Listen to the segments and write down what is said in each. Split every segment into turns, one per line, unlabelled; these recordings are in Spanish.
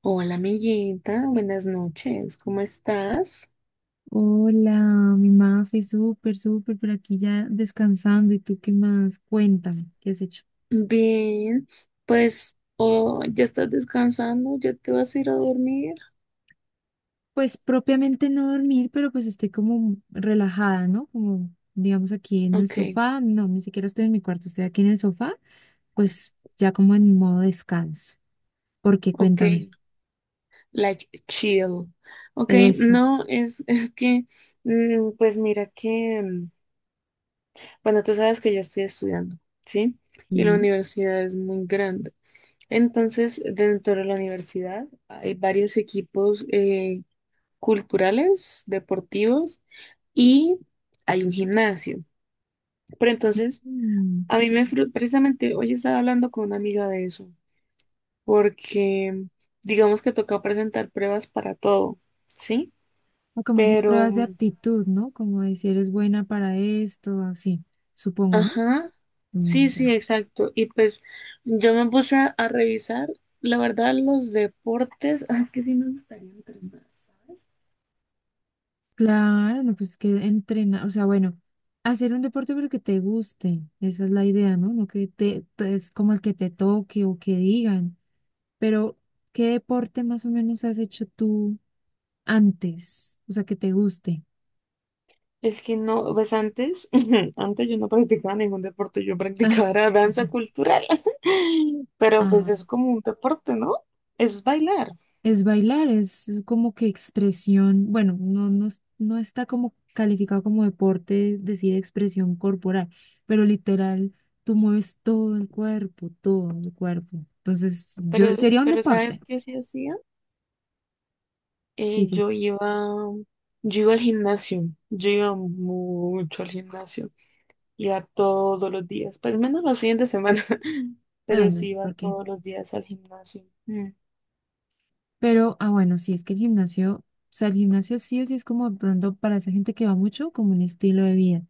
Hola, amiguita, buenas noches, ¿cómo estás?
Hola, mi Mafe, súper, súper, por aquí ya descansando. ¿Y tú qué más? Cuéntame, ¿qué has hecho?
Bien, pues, oh, ¿ya estás descansando? ¿Ya te vas a ir a dormir?
Pues propiamente no dormir, pero pues estoy como relajada, ¿no? Como digamos aquí en el
Ok,
sofá, no, ni siquiera estoy en mi cuarto, estoy aquí en el sofá, pues ya como en modo descanso. ¿Por qué?
ok,
Cuéntame.
like chill. Ok,
Eso.
no, es, es que, pues mira que, bueno, tú sabes que yo estoy estudiando, ¿sí? Y la
Sí.
universidad es muy grande. Entonces, dentro de la universidad hay varios equipos culturales, deportivos y hay un gimnasio. Pero entonces,
Mm,
a mí precisamente hoy estaba hablando con una amiga de eso, porque digamos que toca presentar pruebas para todo, ¿sí?
o como esas
Pero,
pruebas de aptitud, ¿no? Como de si eres buena para esto, así, supongo, ¿no?
ajá, sí,
Mm,
sí,
ya.
exacto. Y pues yo me puse a revisar, la verdad, los deportes, ah, es que sí me gustaría entrenar, ¿sabes?
Claro, no, pues que entrena, o sea, bueno, hacer un deporte pero que te guste, esa es la idea, ¿no? No que te, es como el que te toque o que digan, pero ¿qué deporte más o menos has hecho tú antes? O sea, que te guste.
Es que no, pues antes, antes yo no practicaba ningún deporte, yo
Ah,
practicaba era danza cultural, pero
ah,
pues es
bueno.
como un deporte, ¿no? Es bailar,
Es bailar, es como que expresión, bueno, no, no, no está como calificado como deporte decir expresión corporal, pero literal, tú mueves todo el cuerpo, todo el cuerpo. Entonces, yo sería un
pero
deporte.
¿sabes qué sí hacía?
Sí,
Eh,
sí.
yo iba, yo iba al gimnasio, yo iba mucho al gimnasio, iba todos los días, pues menos los fines de semana,
Ay,
pero
no
sí
sé
iba
por qué.
todos los días al gimnasio. Mm.
Pero, ah, bueno, sí, es que el gimnasio, o sea, el gimnasio sí o sí es como de pronto para esa gente que va mucho, como un estilo de vida.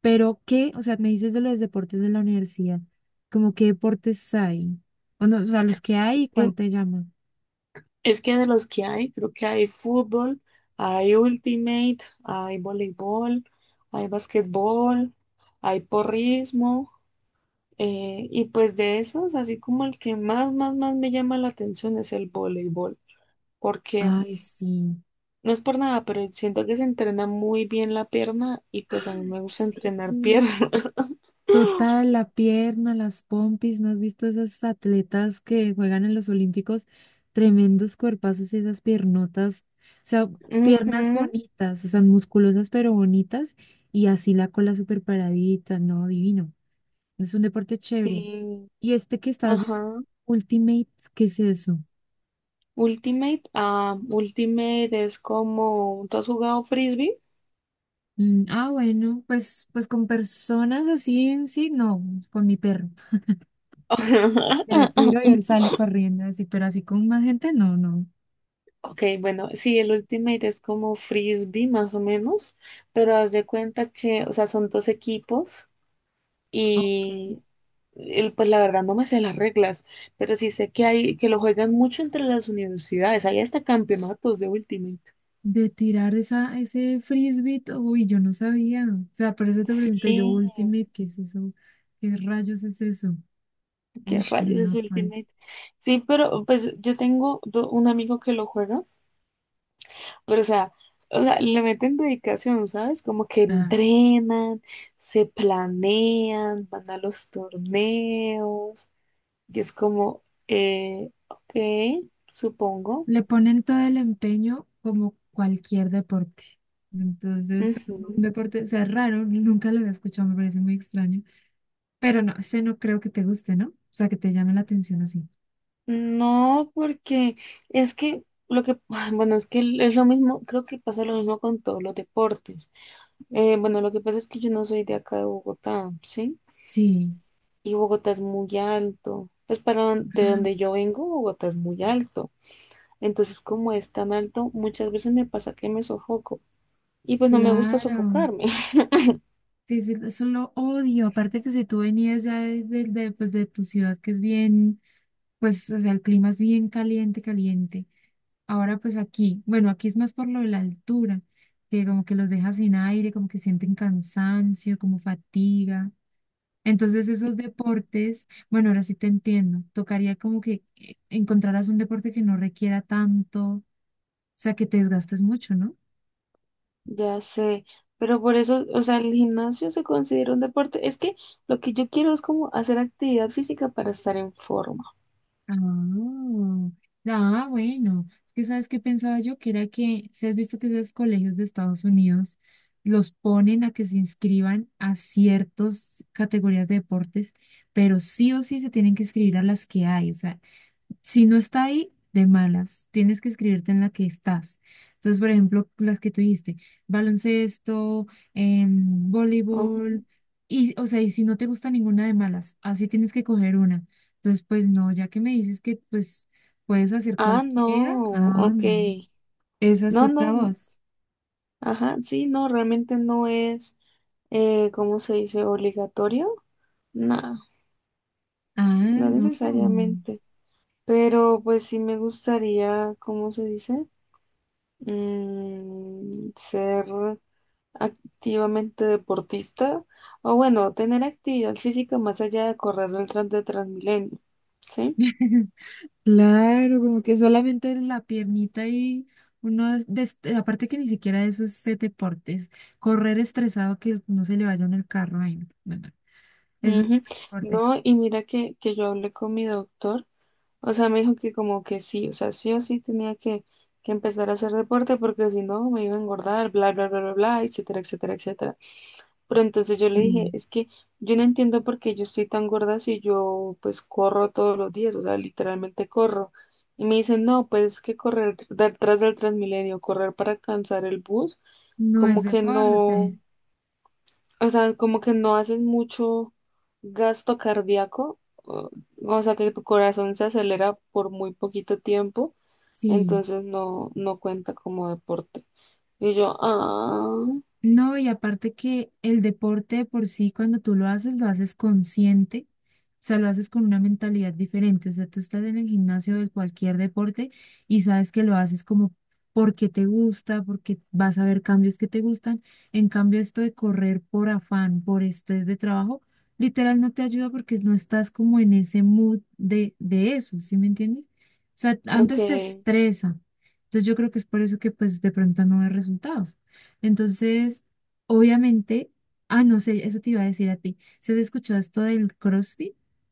Pero, ¿qué? O sea, me dices de los deportes de la universidad, como qué deportes hay. O, no, o sea, los que hay, ¿cuál te llama?
Es que de los que hay, creo que hay fútbol, hay ultimate, hay voleibol, hay basquetbol, hay porrismo. Y pues de esos, así como el que más, más, más me llama la atención es el voleibol. Porque
Ay, sí.
no es por nada, pero siento que se entrena muy bien la pierna y pues a mí
¡Ah!
me gusta entrenar pierna.
Sí, total, la pierna, las pompis, ¿no has visto esas atletas que juegan en los Olímpicos? Tremendos cuerpazos y esas piernotas, o sea,
Ujú,
piernas bonitas, o sea, musculosas pero bonitas y así la cola súper paradita, no, divino. Es un deporte chévere.
sí,
Y este que estás diciendo,
ajá.
Ultimate, ¿qué es eso?
Ultimate, ah, Ultimate es como, ¿tú has jugado frisbee?
Mm, ah, bueno, pues, pues con personas así en sí, no, con mi perro. Se lo tiro y él sale corriendo así, pero así con más gente, no, no.
Ok, bueno, sí, el Ultimate es como frisbee más o menos, pero haz de cuenta que, o sea, son dos equipos
Ok.
y pues la verdad no me sé las reglas, pero sí sé que hay, que lo juegan mucho entre las universidades, hay hasta campeonatos de Ultimate.
De tirar esa, ese frisbee, uy, yo no sabía. O sea, por eso te pregunté yo,
Sí,
Ultimate, ¿qué es eso? ¿Qué rayos es eso?
qué
Uy,
rayos es
mira, pues.
Ultimate. Sí, pero pues yo tengo un amigo que lo juega. Pero, o sea, le meten dedicación, ¿sabes? Como que
Ah,
entrenan, se planean, van a los torneos, y es como, ok, supongo.
le ponen todo el empeño como cualquier deporte. Entonces, pero es un
Ujú.
deporte, o sea, es raro, nunca lo había escuchado, me parece muy extraño. Pero no, ese no creo que te guste, ¿no? O sea, que te llame la atención así.
No, porque es que lo que, bueno, es que es lo mismo, creo que pasa lo mismo con todos los deportes. Bueno, lo que pasa es que yo no soy de acá de Bogotá, ¿sí?
Sí.
Y Bogotá es muy alto. Pues para de
Ah,
donde yo vengo, Bogotá es muy alto. Entonces, como es tan alto, muchas veces me pasa que me sofoco. Y pues no me gusta
claro.
sofocarme,
Sí, sí, eso lo odio. Aparte que si tú venías ya de, de, pues, de tu ciudad, que es bien, pues, o sea, el clima es bien caliente, caliente. Ahora, pues aquí, bueno, aquí es más por lo de la altura, que como que los deja sin aire, como que sienten cansancio, como fatiga. Entonces, esos deportes, bueno, ahora sí te entiendo. Tocaría como que encontraras un deporte que no requiera tanto, o sea, que te desgastes mucho, ¿no?
ya sé. Pero por eso, o sea, el gimnasio se considera un deporte. Es que lo que yo quiero es como hacer actividad física para estar en forma.
Ah, ah, bueno, es que sabes qué pensaba yo, que era que, si has visto que esos colegios de Estados Unidos los ponen a que se inscriban a ciertas categorías de deportes, pero sí o sí se tienen que inscribir a las que hay, o sea, si no está ahí, de malas, tienes que escribirte en la que estás. Entonces, por ejemplo, las que tuviste, baloncesto, voleibol,
Ujú.
y, o sea, y si no te gusta ninguna de malas, así tienes que coger una. Entonces, pues no, ya que me dices que pues puedes hacer
Ah, no,
cualquiera, ah,
ok.
no, esa es
No,
otra
no,
voz.
ajá, sí, no, realmente no es, ¿cómo se dice? ¿Obligatorio? No,
Ah,
no
no.
necesariamente. Pero pues sí me gustaría, ¿cómo se dice? Ser activamente deportista o bueno, tener actividad física más allá de correr el tras de Transmilenio, ¿sí?
Claro, como que solamente la piernita y uno, es aparte que ni siquiera eso es ese deporte, es correr estresado que no se le vaya en el carro. Ay, no, no, no, eso no es
Ujú.
deporte.
No, y mira que yo hablé con mi doctor. O sea, me dijo que como que sí, o sea, sí o sí tenía que empezar a hacer deporte porque si no me iba a engordar, bla, bla, bla, bla, bla, etcétera, etcétera, etcétera. Pero entonces yo le dije,
Sí.
es que yo no entiendo por qué yo estoy tan gorda si yo pues corro todos los días, o sea, literalmente corro. Y me dicen, no, pues es que correr detrás del Transmilenio, correr para alcanzar el bus,
No es
como que no.
deporte.
O sea, como que no haces mucho gasto cardíaco, o, o sea, que tu corazón se acelera por muy poquito tiempo,
Sí.
entonces no, no cuenta como deporte. Y yo, ah,
No, y aparte que el deporte de por sí, cuando tú lo haces consciente, o sea, lo haces con una mentalidad diferente, o sea, tú estás en el gimnasio de cualquier deporte y sabes que lo haces como porque te gusta, porque vas a ver cambios que te gustan, en cambio esto de correr por afán, por estrés de trabajo, literal no te ayuda porque no estás como en ese mood de eso, ¿sí me entiendes? O sea,
ok.
antes te estresa, entonces yo creo que es por eso que pues de pronto no ves resultados. Entonces, obviamente, ah, no sé, eso te iba a decir a ti. ¿Se has escuchado esto del CrossFit?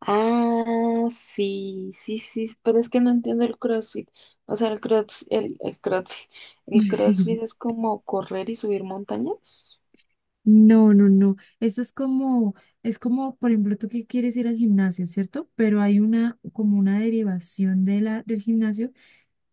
Ah, sí, sí, sí, sí, pero es que no entiendo el CrossFit. O sea, es CrossFit. El
Sí.
CrossFit es como correr y subir montañas.
No, no, no. Esto es como, por ejemplo, tú que quieres ir al gimnasio, ¿cierto? Pero hay una, como una derivación de la, del gimnasio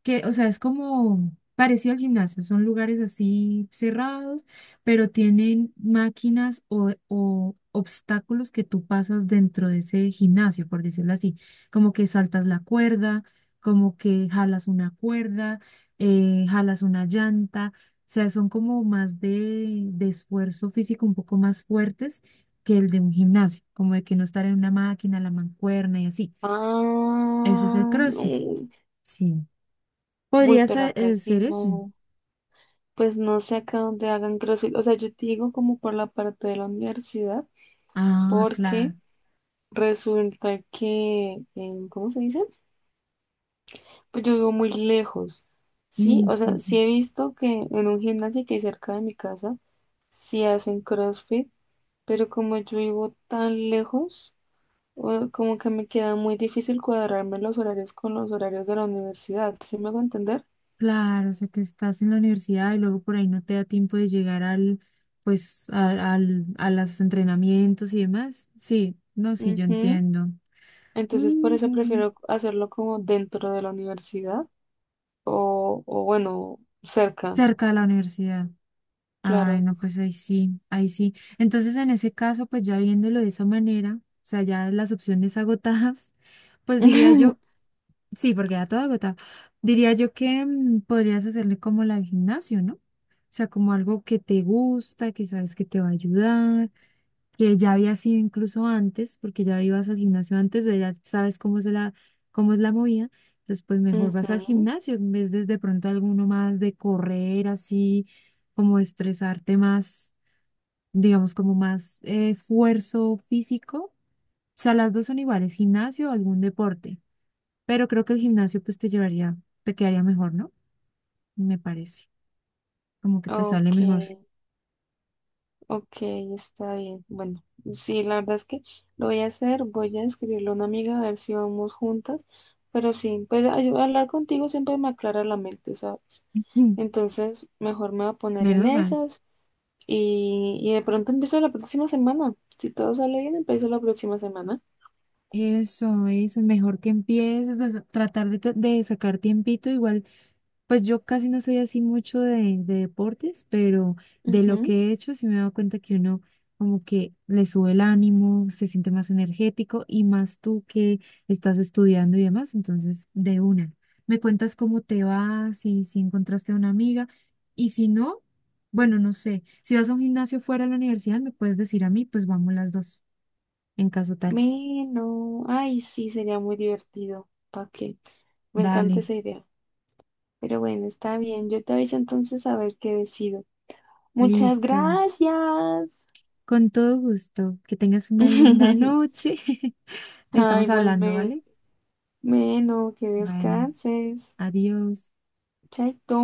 que, o sea, es como parecido al gimnasio, son lugares así cerrados, pero tienen máquinas o obstáculos que tú pasas dentro de ese gimnasio, por decirlo así, como que saltas la cuerda, como que jalas una cuerda, jalas una llanta, o sea, son como más de esfuerzo físico un poco más fuertes que el de un gimnasio, como de que no estar en una máquina, la mancuerna y así.
Ah,
Ese es el CrossFit.
mm,
Sí.
uy,
Podría
pero
ser,
acá sí
ser ese.
no. Pues no sé acá dónde hagan CrossFit. O sea, yo te digo como por la parte de la universidad,
Ah,
porque
claro.
resulta que, ¿cómo se dice? Pues yo vivo muy lejos. Sí,
Mm,
o
sí,
sea, sí
sí.
he visto que en un gimnasio que hay cerca de mi casa, sí hacen CrossFit, pero como yo vivo tan lejos, como que me queda muy difícil cuadrarme los horarios con los horarios de la universidad. ¿Sí me hago entender?
Claro, o sea que estás en la universidad y luego por ahí no te da tiempo de llegar al, pues, a, al, a los entrenamientos y demás. Sí, no, sí, yo
Ujú.
entiendo.
Entonces, por
Mm,
eso
ujú.
prefiero hacerlo como dentro de la universidad o bueno, cerca,
Cerca de la universidad. Ay,
claro.
no, pues ahí sí, ahí sí. Entonces, en ese caso, pues ya viéndolo de esa manera, o sea, ya las opciones agotadas, pues diría yo. Sí, porque ya todo agotado. Diría yo que mm, podrías hacerle como la del gimnasio, ¿no? O sea, como algo que te gusta, que sabes que te va a ayudar, que ya había sido incluso antes, porque ya ibas al gimnasio antes, o ya sabes cómo es la movida. Entonces, pues mejor vas al
Ujú,
gimnasio en vez de pronto alguno más de correr así, como estresarte más, digamos, como más esfuerzo físico. O sea, las dos son iguales, gimnasio o algún deporte. Pero creo que el gimnasio pues te llevaría, te quedaría mejor, ¿no? Me parece, como que te sale
ok,
mejor.
ok, está bien. Bueno, sí, la verdad es que lo voy a hacer, voy a escribirle a una amiga a ver si vamos juntas, pero sí, pues ay, hablar contigo siempre me aclara la mente, ¿sabes?
Mm,
Entonces, mejor me voy a poner en
menos mal.
esas y de pronto empiezo la próxima semana. Si todo sale bien, empiezo la próxima semana.
Eso es mejor que empieces a tratar de, de sacar tiempito. Igual pues yo casi no soy así mucho de deportes, pero de lo
Ujú.
que he hecho sí me he dado cuenta que uno como que le sube el ánimo, se siente más energético y más tú que estás estudiando y demás, entonces de una. Me cuentas cómo te va, si, si encontraste a una amiga y si no, bueno, no sé, si vas a un gimnasio fuera de la universidad me puedes decir a mí, pues vamos las dos, en caso tal.
Bueno, ay, sí, sería muy divertido. ¿Para qué? Me encanta
Dale,
esa idea. Pero bueno, está bien. Yo te aviso entonces a ver qué decido. Muchas
listo.
gracias.
Con todo gusto. Que tengas una linda noche.
Ah,
Estamos hablando,
igualmente.
¿vale?
Bueno, que
Bueno,
descanses.
adiós.
Chaito.